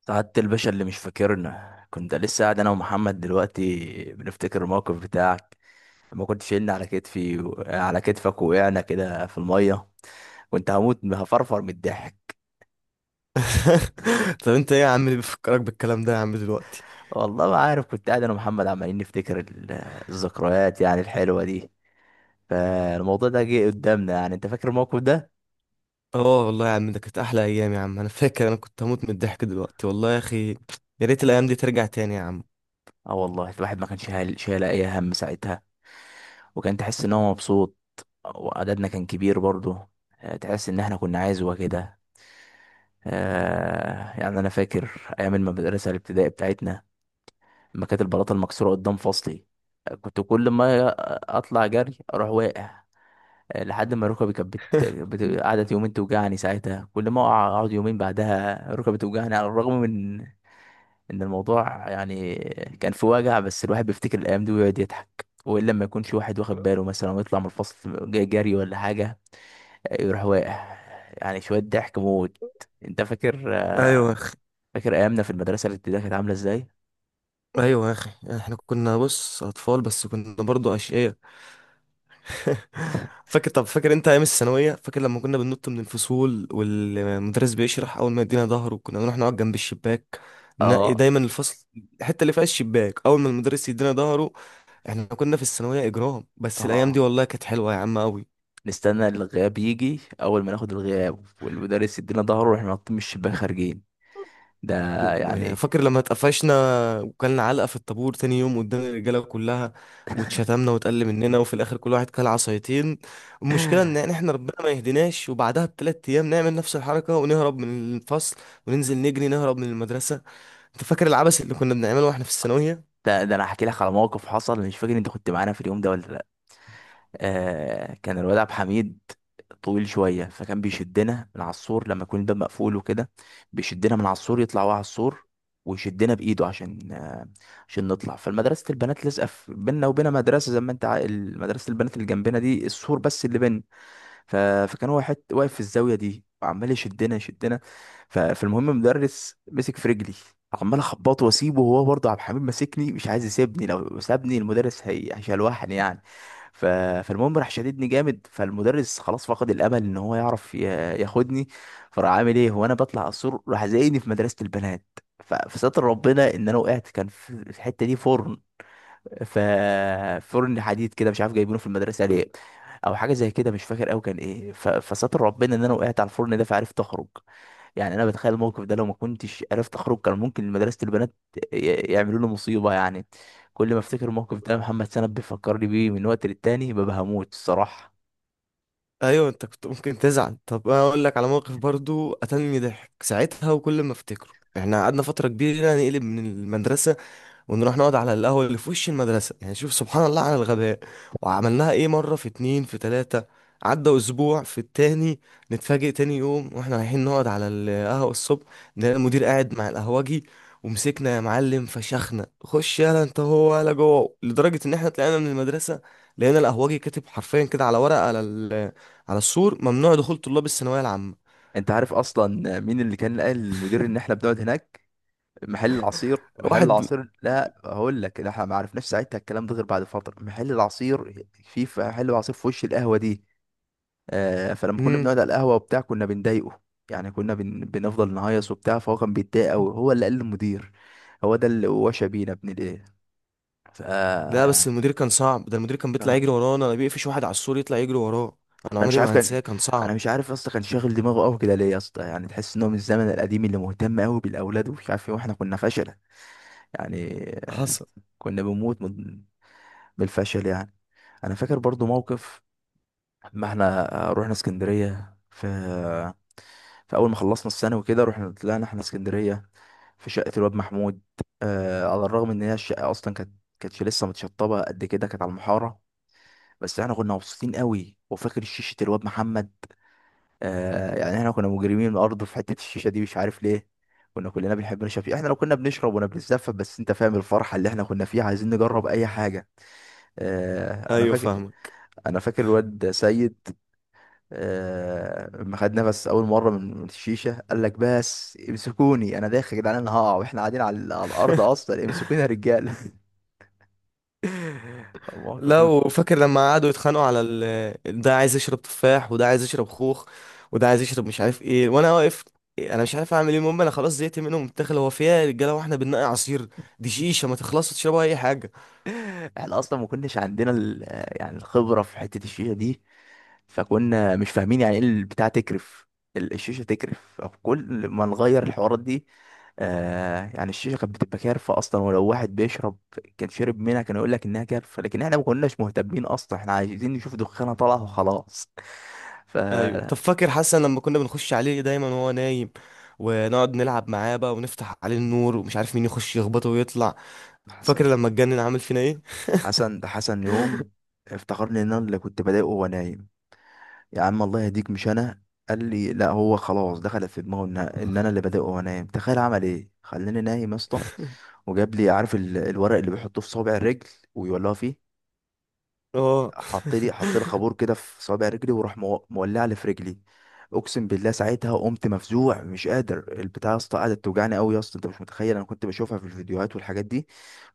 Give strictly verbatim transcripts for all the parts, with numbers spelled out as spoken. سعادة الباشا اللي مش فاكرنا، كنت لسه قاعد انا ومحمد دلوقتي بنفتكر الموقف بتاعك لما كنت شايلني على كتفي و... على كتفك. وقعنا كده في المية، كنت هموت من- هفرفر من الضحك. طب انت ايه يا عم اللي بيفكرك بالكلام ده يا عم دلوقتي؟ والله ما عارف، كنت قاعد انا ومحمد عمالين نفتكر ال- الذكريات يعني الحلوة دي. فالموضوع ده جه قدامنا، يعني انت فاكر الموقف ده؟ اه والله يا عم، ده كانت احلى ايام يا عم. انا فاكر انا كنت هموت من الضحك دلوقتي والله يا اخي. يا ريت الايام دي ترجع تاني يا عم. اه والله، الواحد ما كانش هال- شايل اي هم ساعتها. وكان تحس ان هو مبسوط، وعددنا كان كبير برضه. آه، تحس ان احنا كنا عزوة كده. آه يعني انا فاكر ايام المدرسه الابتدائي بتاعتنا، لما كانت البلاطه المكسوره قدام فصلي. آه، كنت كل ما اطلع جري اروح واقع. آه، لحد ما ركبي كانت بت... بت... قعدت يومين توجعني ساعتها. كل ما أقع- اقعد يومين بعدها ركبي توجعني، على الرغم من ان الموضوع يعني كان في وجع. بس الواحد بيفتكر الايام دي ويقعد يضحك. والا لما يكونش واحد واخد باله مثلا ويطلع من الفصل جاي جري ولا حاجه، آه، يروح واقع. يعني شويه ضحك موت. انت فاكر؟ ايوه يا اخي. فاكر ايامنا في المدرسه الابتدائيه كانت عامله ازاي؟ ايوه يا اخي، احنا كنا بص اطفال بس كنا برضو اشقياء. فاكر؟ طب فاكر انت ايام الثانويه؟ فاكر لما كنا بننط من الفصول والمدرس بيشرح اول ما يدينا ظهره، كنا بنروح نقعد جنب الشباك. ننقي اه. دايما الفصل الحته اللي فيها الشباك اول ما المدرس يدينا ظهره. احنا كنا في الثانوية إجرام، بس الأيام اه، دي والله كانت حلوة يا عم أوي. نستنى الغياب يجي، اول ما ناخد الغياب والمدرس يدينا ظهره واحنا نطين من الشباك خارجين. ده و- و- يعني فاكر لما اتقفشنا وكلنا علقة في الطابور تاني يوم قدام الرجالة كلها، واتشتمنا واتقل مننا وفي الآخر كل واحد كل عصايتين. المشكلة إن يعني إحنا ربنا ما يهديناش، وبعدها بتلات أيام نعمل نفس الحركة ونهرب من الفصل وننزل نجري نهرب من المدرسة. أنت فاكر العبث اللي كنا بنعمله وإحنا في الثانوية؟ ده, ده انا هحكي لك على موقف حصل، مش فاكر انت كنت معانا في اليوم ده ولا لا. آه كان الواد عبد الحميد طويل شويه، فكان بيشدنا من على السور لما يكون الباب مقفول وكده. بيشدنا من على السور، يطلع هو على السور ويشدنا بايده عشان آه، عشان نطلع. فالمدرسه البنات لازقه في- بينا، وبين مدرسه زي ما انت عا- مدرسه البنات اللي جنبنا دي السور بس اللي بينا. ف... فكان هو حت... واقف في الزاويه دي وعمال يشدنا يشدنا. ف... فالمهم المدرس مسك في رجلي، عمال اخبطه واسيبه، وهو برضه عبد الحميد ماسكني مش عايز يسيبني. لو سابني المدرس هي... هيشلوحني يعني. ف... فالمهم راح شددني جامد، فالمدرس خلاص فقد الامل ان هو يعرف ي... ياخدني. فراح عامل ايه، وانا بطلع على السور راح زقني في مدرسه البنات. ف... فستر ربنا ان انا وقعت، كان في في الحته دي فرن. ف فرن حديد كده مش عارف جايبينه في المدرسه ليه، او حاجه زي كده مش فاكر قوي كان ايه. ف... فستر ربنا ان انا وقعت على الفرن ده فعرفت اخرج. يعني انا بتخيل الموقف ده، لو ما كنتش عرفت اخرج كان ممكن مدرسه البنات ي- يعملوا لي مصيبه يعني. كل ما افتكر الموقف ده، محمد سند بيفكرني بيه من وقت للتاني، ببقى هموت الصراحه. أيوه أنت كنت ممكن تزعل. طب أنا أقول لك على موقف برضو قتلني ضحك ساعتها وكل ما أفتكره. إحنا قعدنا فترة كبيرة نقلب من المدرسة، ونروح نقعد على القهوة اللي في وش المدرسة، يعني شوف سبحان الله على الغباء. وعملناها ايه مرة، في اتنين، في تلاتة، عدى أسبوع في التاني، نتفاجئ تاني يوم واحنا رايحين نقعد على القهوة الصبح، نلاقي المدير قاعد مع القهوجي ومسكنا يا معلم فشخنا. خش يلا انت هو ولا جوه، لدرجة ان احنا طلعنا من المدرسة لقينا القهوجي كاتب حرفيا كده على ورقة على ال- على السور: ممنوع دخول طلاب الثانوية العامة. انت عارف اصلا مين اللي كان قال للمدير ان احنا بنقعد هناك؟ محل العصير، محل واحد. العصير. لا هقول لك، لا احنا ما عرفناش ساعتها الكلام ده غير بعد فتره. محل العصير، في في محل العصير في وش القهوه دي. آه فلما كنا مم. بنقعد على القهوه وبتاع كنا بنضايقه، يعني كنا بن... بنفضل نهيص وبتاع. فهو كان بيتضايق قوي، هو اللي قال للمدير. هو ده اللي وشى بينا ابن الايه. ف ده بس يعني. المدير كان صعب. ده المدير كان بيطلع آه، يجري ورانا، انا بيقفش واحد على السور يطلع يجري وراه. انا انا مش عمري عارف ما كان هنساه، كان صعب. انا مش عارف اصلا كان شاغل دماغه قوي كده ليه يا اسطى. يعني تحس ان هو من الزمن القديم، اللي مهتم قوي بالاولاد ومش عارف ايه، واحنا كنا فشله يعني. آه، حصل. كنا بنموت بالفشل يعني. انا فاكر برضو موقف، ما احنا رحنا اسكندريه في في اول ما خلصنا الثانوي كده. رحنا طلعنا احنا اسكندريه في شقه الواد محمود. آه على الرغم ان هي الشقه اصلا كانت كانتش لسه متشطبه قد كده، كانت على المحاره. بس احنا كنا مبسوطين قوي. وفاكر شيشه الواد محمد؟ آه يعني احنا كنا مجرمين الارض في حته الشيشه دي مش عارف ليه. كنا كلنا بنحب نشرب فيها، احنا لو كنا بنشرب ولا بنتزفت، بس انت فاهم الفرحه اللي احنا كنا فيها، عايزين نجرب اي حاجه. آه، انا ايوه فاكر فاهمك. انا فاكر الواد سيد. آه، لما خد نفس اول مره من من الشيشه، قال لك بس امسكوني انا داخل يا جدعان انا هقع، واحنا قاعدين على, على الارض اصلا، امسكوني يا رجاله. المواقف دي ما لو بت- فاكر لما قعدوا يتخانقوا على ال... ده عايز يشرب تفاح، وده عايز يشرب خوخ، وده عايز يشرب مش عارف ايه، وانا واقف انا مش عارف اعمل ايه. المهم انا خلاص زهقت منهم، الداخل هو فيها يا رجاله، واحنا بننقي عصير. دي شيشه ما تخلصش، تشربوا اي حاجه. احنا اصلا ما كناش عندنا ال- يعني الخبره في حته الشيشه دي. فكنا مش فاهمين يعني ايه البتاع تكرف. ال- الشيشه تكرف كل ما نغير الحوارات دي. آه يعني الشيشه كانت بتبقى كارفه اصلا، ولو واحد بيشرب كان شرب منها كان يقول لك انها كارفه. لكن احنا ما كناش مهتمين اصلا، احنا عايزين نشوف دخانه طالعه وخلاص. ف ايوه طب فاكر حسن لما كنا بنخش عليه دايما وهو نايم، ونقعد نلعب معاه بقى ونفتح عليه النور، ومش عارف مين يخش يخبطه ويطلع. حسن. فاكر لما اتجنن عامل فينا ايه؟ حسن ده حسن يوم افتكرني ان انا اللي كنت بضايقه وانا نايم. يا عم الله يهديك، مش انا. قال لي لا، هو خلاص دخلت في دماغه ان ان انا اللي بادئ، وانام. تخيل عمل ايه، خلاني نايم يا اسطى. وجاب لي عارف ال- الورق اللي بيحطوه في صابع الرجل ويولعه فيه. اه. حط لي حط لي خابور كده في صابع رجلي، وراح مو- مولع لي في رجلي. اقسم بالله ساعتها قمت مفزوع مش قادر. البتاع يا اسطى قعدت توجعني قوي يا اسطى. انت مش متخيل، انا كنت بشوفها في الفيديوهات والحاجات دي،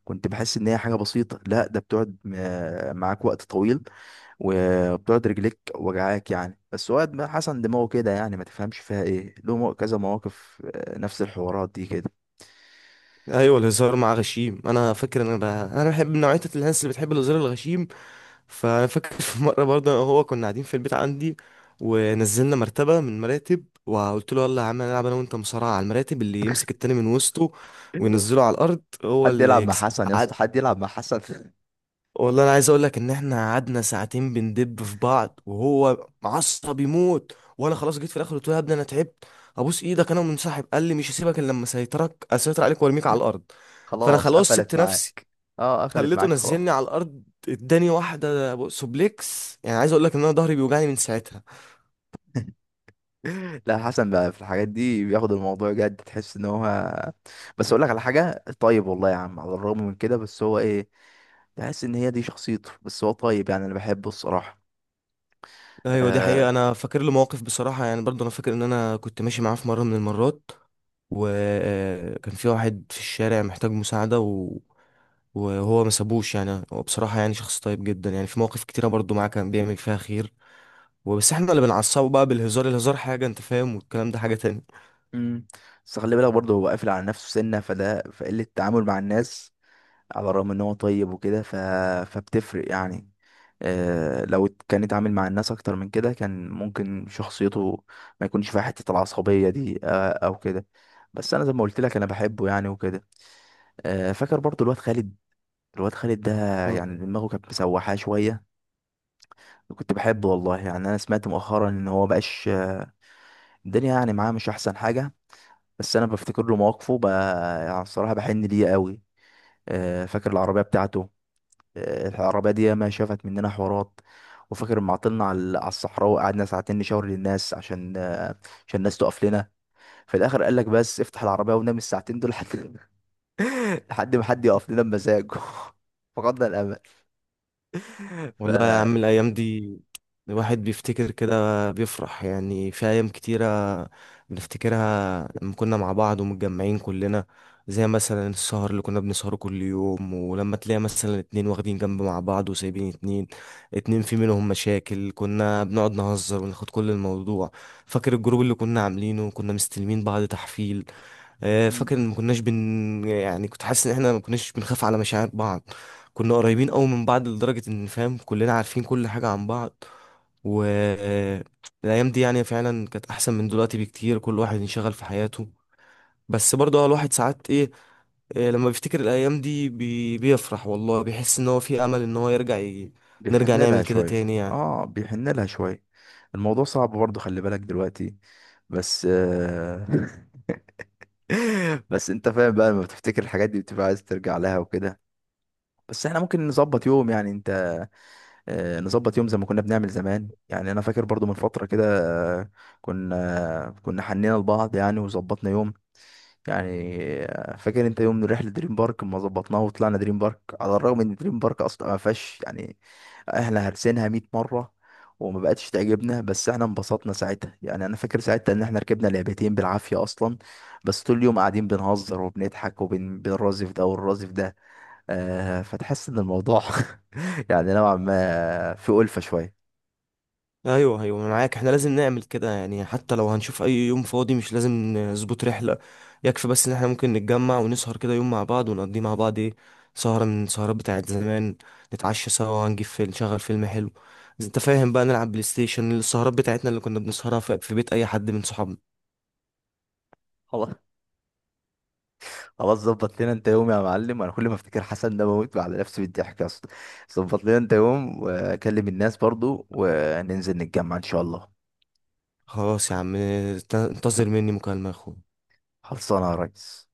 كنت بحس ان هي حاجه بسيطه. لا، ده بتقعد م- معاك وقت طويل، وبتقعد رجليك وجعاك يعني. بس واد ما حسن دماغه كده، يعني ما تفهمش فيها ايه. له مو- كذا مواقف آه، نفس الحوارات دي كده. ايوه الهزار مع غشيم. انا فاكر ان انا انا بحب نوعيه الناس اللي بتحب الهزار الغشيم. فانا فاكر في مره برضه انا وهو كنا قاعدين في البيت عندي، ونزلنا مرتبه من مراتب وقلت له: يلا يا عم هنلعب انا وانت مصارعه على المراتب، اللي يمسك التاني من وسطه وينزله على الارض هو حد اللي يلعب مع يكسب. حسن يا اسطى؟ حد يلعب مع حسن؟ والله انا عايز اقول لك ان احنا قعدنا ساعتين بندب في بعض وهو معصب يموت، وانا خلاص جيت في الاخر قلت له: يا ابني انا تعبت، ابوس ايدك انا منسحب. قال لي: مش هسيبك الا لما اسيطرك اسيطر عليك وارميك على الارض. فانا خلاص خلاص قفلت سبت نفسي، معاك. اه، قفلت خليته معاك نزلني على خلاص. الارض، اداني واحده سوبليكس. يعني عايز اقول لك ان انا ظهري بيوجعني من ساعتها. لا، حسن بقى في الحاجات دي بياخد الموضوع جد، تحس ان هو. بس اقول لك على حاجه، طيب والله يا عم، على الرغم من كده بس هو ايه، تحس ان هي دي شخصيته. بس هو طيب يعني، انا بحبه الصراحه. ايوه دي حقيقة. آه، انا فاكر له مواقف بصراحة، يعني برضو انا فاكر ان انا كنت ماشي معاه في مرة من المرات، وكان في واحد في الشارع محتاج مساعدة و... وهو ما سابوش. يعني هو بصراحة يعني شخص طيب جدا، يعني في مواقف كتيرة برضو معاه كان بيعمل فيها خير. وبس احنا اللي بنعصبه بقى بالهزار، الهزار حاجة انت فاهم، والكلام ده حاجة تانية. امم بس خلي بالك برضه، هو قافل على نفسه سنة، فده فقلة التعامل مع الناس على الرغم ان هو طيب وكده. ف... فبتفرق يعني. آه لو كان اتعامل مع الناس اكتر من كده، كان ممكن شخصيته ما يكونش فيها حتة العصبية دي، آه او كده. بس انا زي ما قلت لك، انا بحبه يعني وكده. آه فاكر برضه الواد خالد؟ الواد خالد ده، يعني دماغه كانت مسوحاه شوية. كنت بحبه والله يعني. انا سمعت مؤخرا ان هو بقاش الدنيا يعني معاه مش احسن حاجة. بس انا بفتكر له مواقفه بقى، يعني الصراحه بحن ليه قوي. آه، فاكر العربيه بتاعته؟ آه، العربيه دي ما شافت مننا حوارات. وفاكر لما عطلنا على على الصحراء وقعدنا ساعتين نشاور للناس عشان آه، عشان الناس تقف لنا. في الاخر قال لك بس افتح العربيه ونام الساعتين دول لحد لحد ما حد يقف لنا بمزاجه. فقدنا الامل. ف والله يا عم الأيام دي، الواحد بيفتكر كده بيفرح. يعني في أيام كتيرة بنفتكرها لما كنا مع بعض ومتجمعين كلنا، زي مثلا السهر اللي كنا بنسهره كل يوم، ولما تلاقي مثلا اتنين واخدين جنب مع بعض وسايبين اتنين، اتنين في منهم مشاكل كنا بنقعد نهزر وناخد كل الموضوع. فاكر الجروب اللي كنا عاملينه؟ كنا مستلمين بعض تحفيل. آه، مم. فاكر ان ما كناش بن يعني كنت حاسس ان احنا ما كناش بنخاف على مشاعر بعض. كنا قريبين قوي من بعض لدرجة ان فاهم كلنا عارفين كل حاجة عن بعض. و آه، الايام دي يعني فعلا كانت احسن من دلوقتي بكتير، كل واحد انشغل في حياته. بس برضه الواحد ساعات ايه، آه، لما بيفتكر الايام دي بي... بيفرح والله، بيحس ان هو في امل ان هو يرجع ي... نرجع بيحن لها نعمل كده شويه. تاني يعني. اه، بيحن لها شويه. الموضوع صعب برضه خلي بالك دلوقتي، بس آه، بس انت فاهم بقى، لما بتفتكر الحاجات دي بتبقى عايز ترجع لها وكده. بس احنا ممكن نظبط يوم، يعني انت، آه، نظبط يوم زي ما كنا بنعمل زمان. يعني انا فاكر برضو من فترة كده، آه، كنا كنا حنينا لبعض يعني وظبطنا يوم يعني. فاكر انت يوم من رحله دريم بارك ما ظبطناها، وطلعنا دريم بارك على الرغم ان دريم بارك اصلا ما فيهاش يعني، احنا هرسينها مية مره وما بقتش تعجبنا. بس احنا انبسطنا ساعتها. يعني انا فاكر ساعتها ان احنا ركبنا لعبتين بالعافيه اصلا، بس طول اليوم قاعدين بنهزر وبنضحك وبنرازف ده والرازف ده. آه فتحس ان الموضوع يعني نوعا ما في ألفة شويه. ايوه ايوه أنا معاك، احنا لازم نعمل كده يعني. حتى لو هنشوف اي يوم فاضي مش لازم نظبط رحله، يكفي بس ان احنا ممكن نتجمع ونسهر كده يوم مع بعض ونقضي مع بعض ايه، سهره من السهرات بتاعت زمان. نتعشى سوا ونجيب فيلم، نشغل فيلم حلو، إذا انت فاهم بقى، نلعب بلاي ستيشن السهرات بتاعتنا اللي كنا بنسهرها في في بيت اي حد من صحابنا. خلاص ظبط لنا انت يوم يا معلم. انا كل ما افتكر حسن ده بموت على نفسي بالضحك يا اسطى. ظبط لنا انت يوم، واكلم الناس برضو وننزل نتجمع ان شاء الله. خلاص يا عم، انت- انتظر مني مكالمه يا اخويا. خلصانه يا ريس.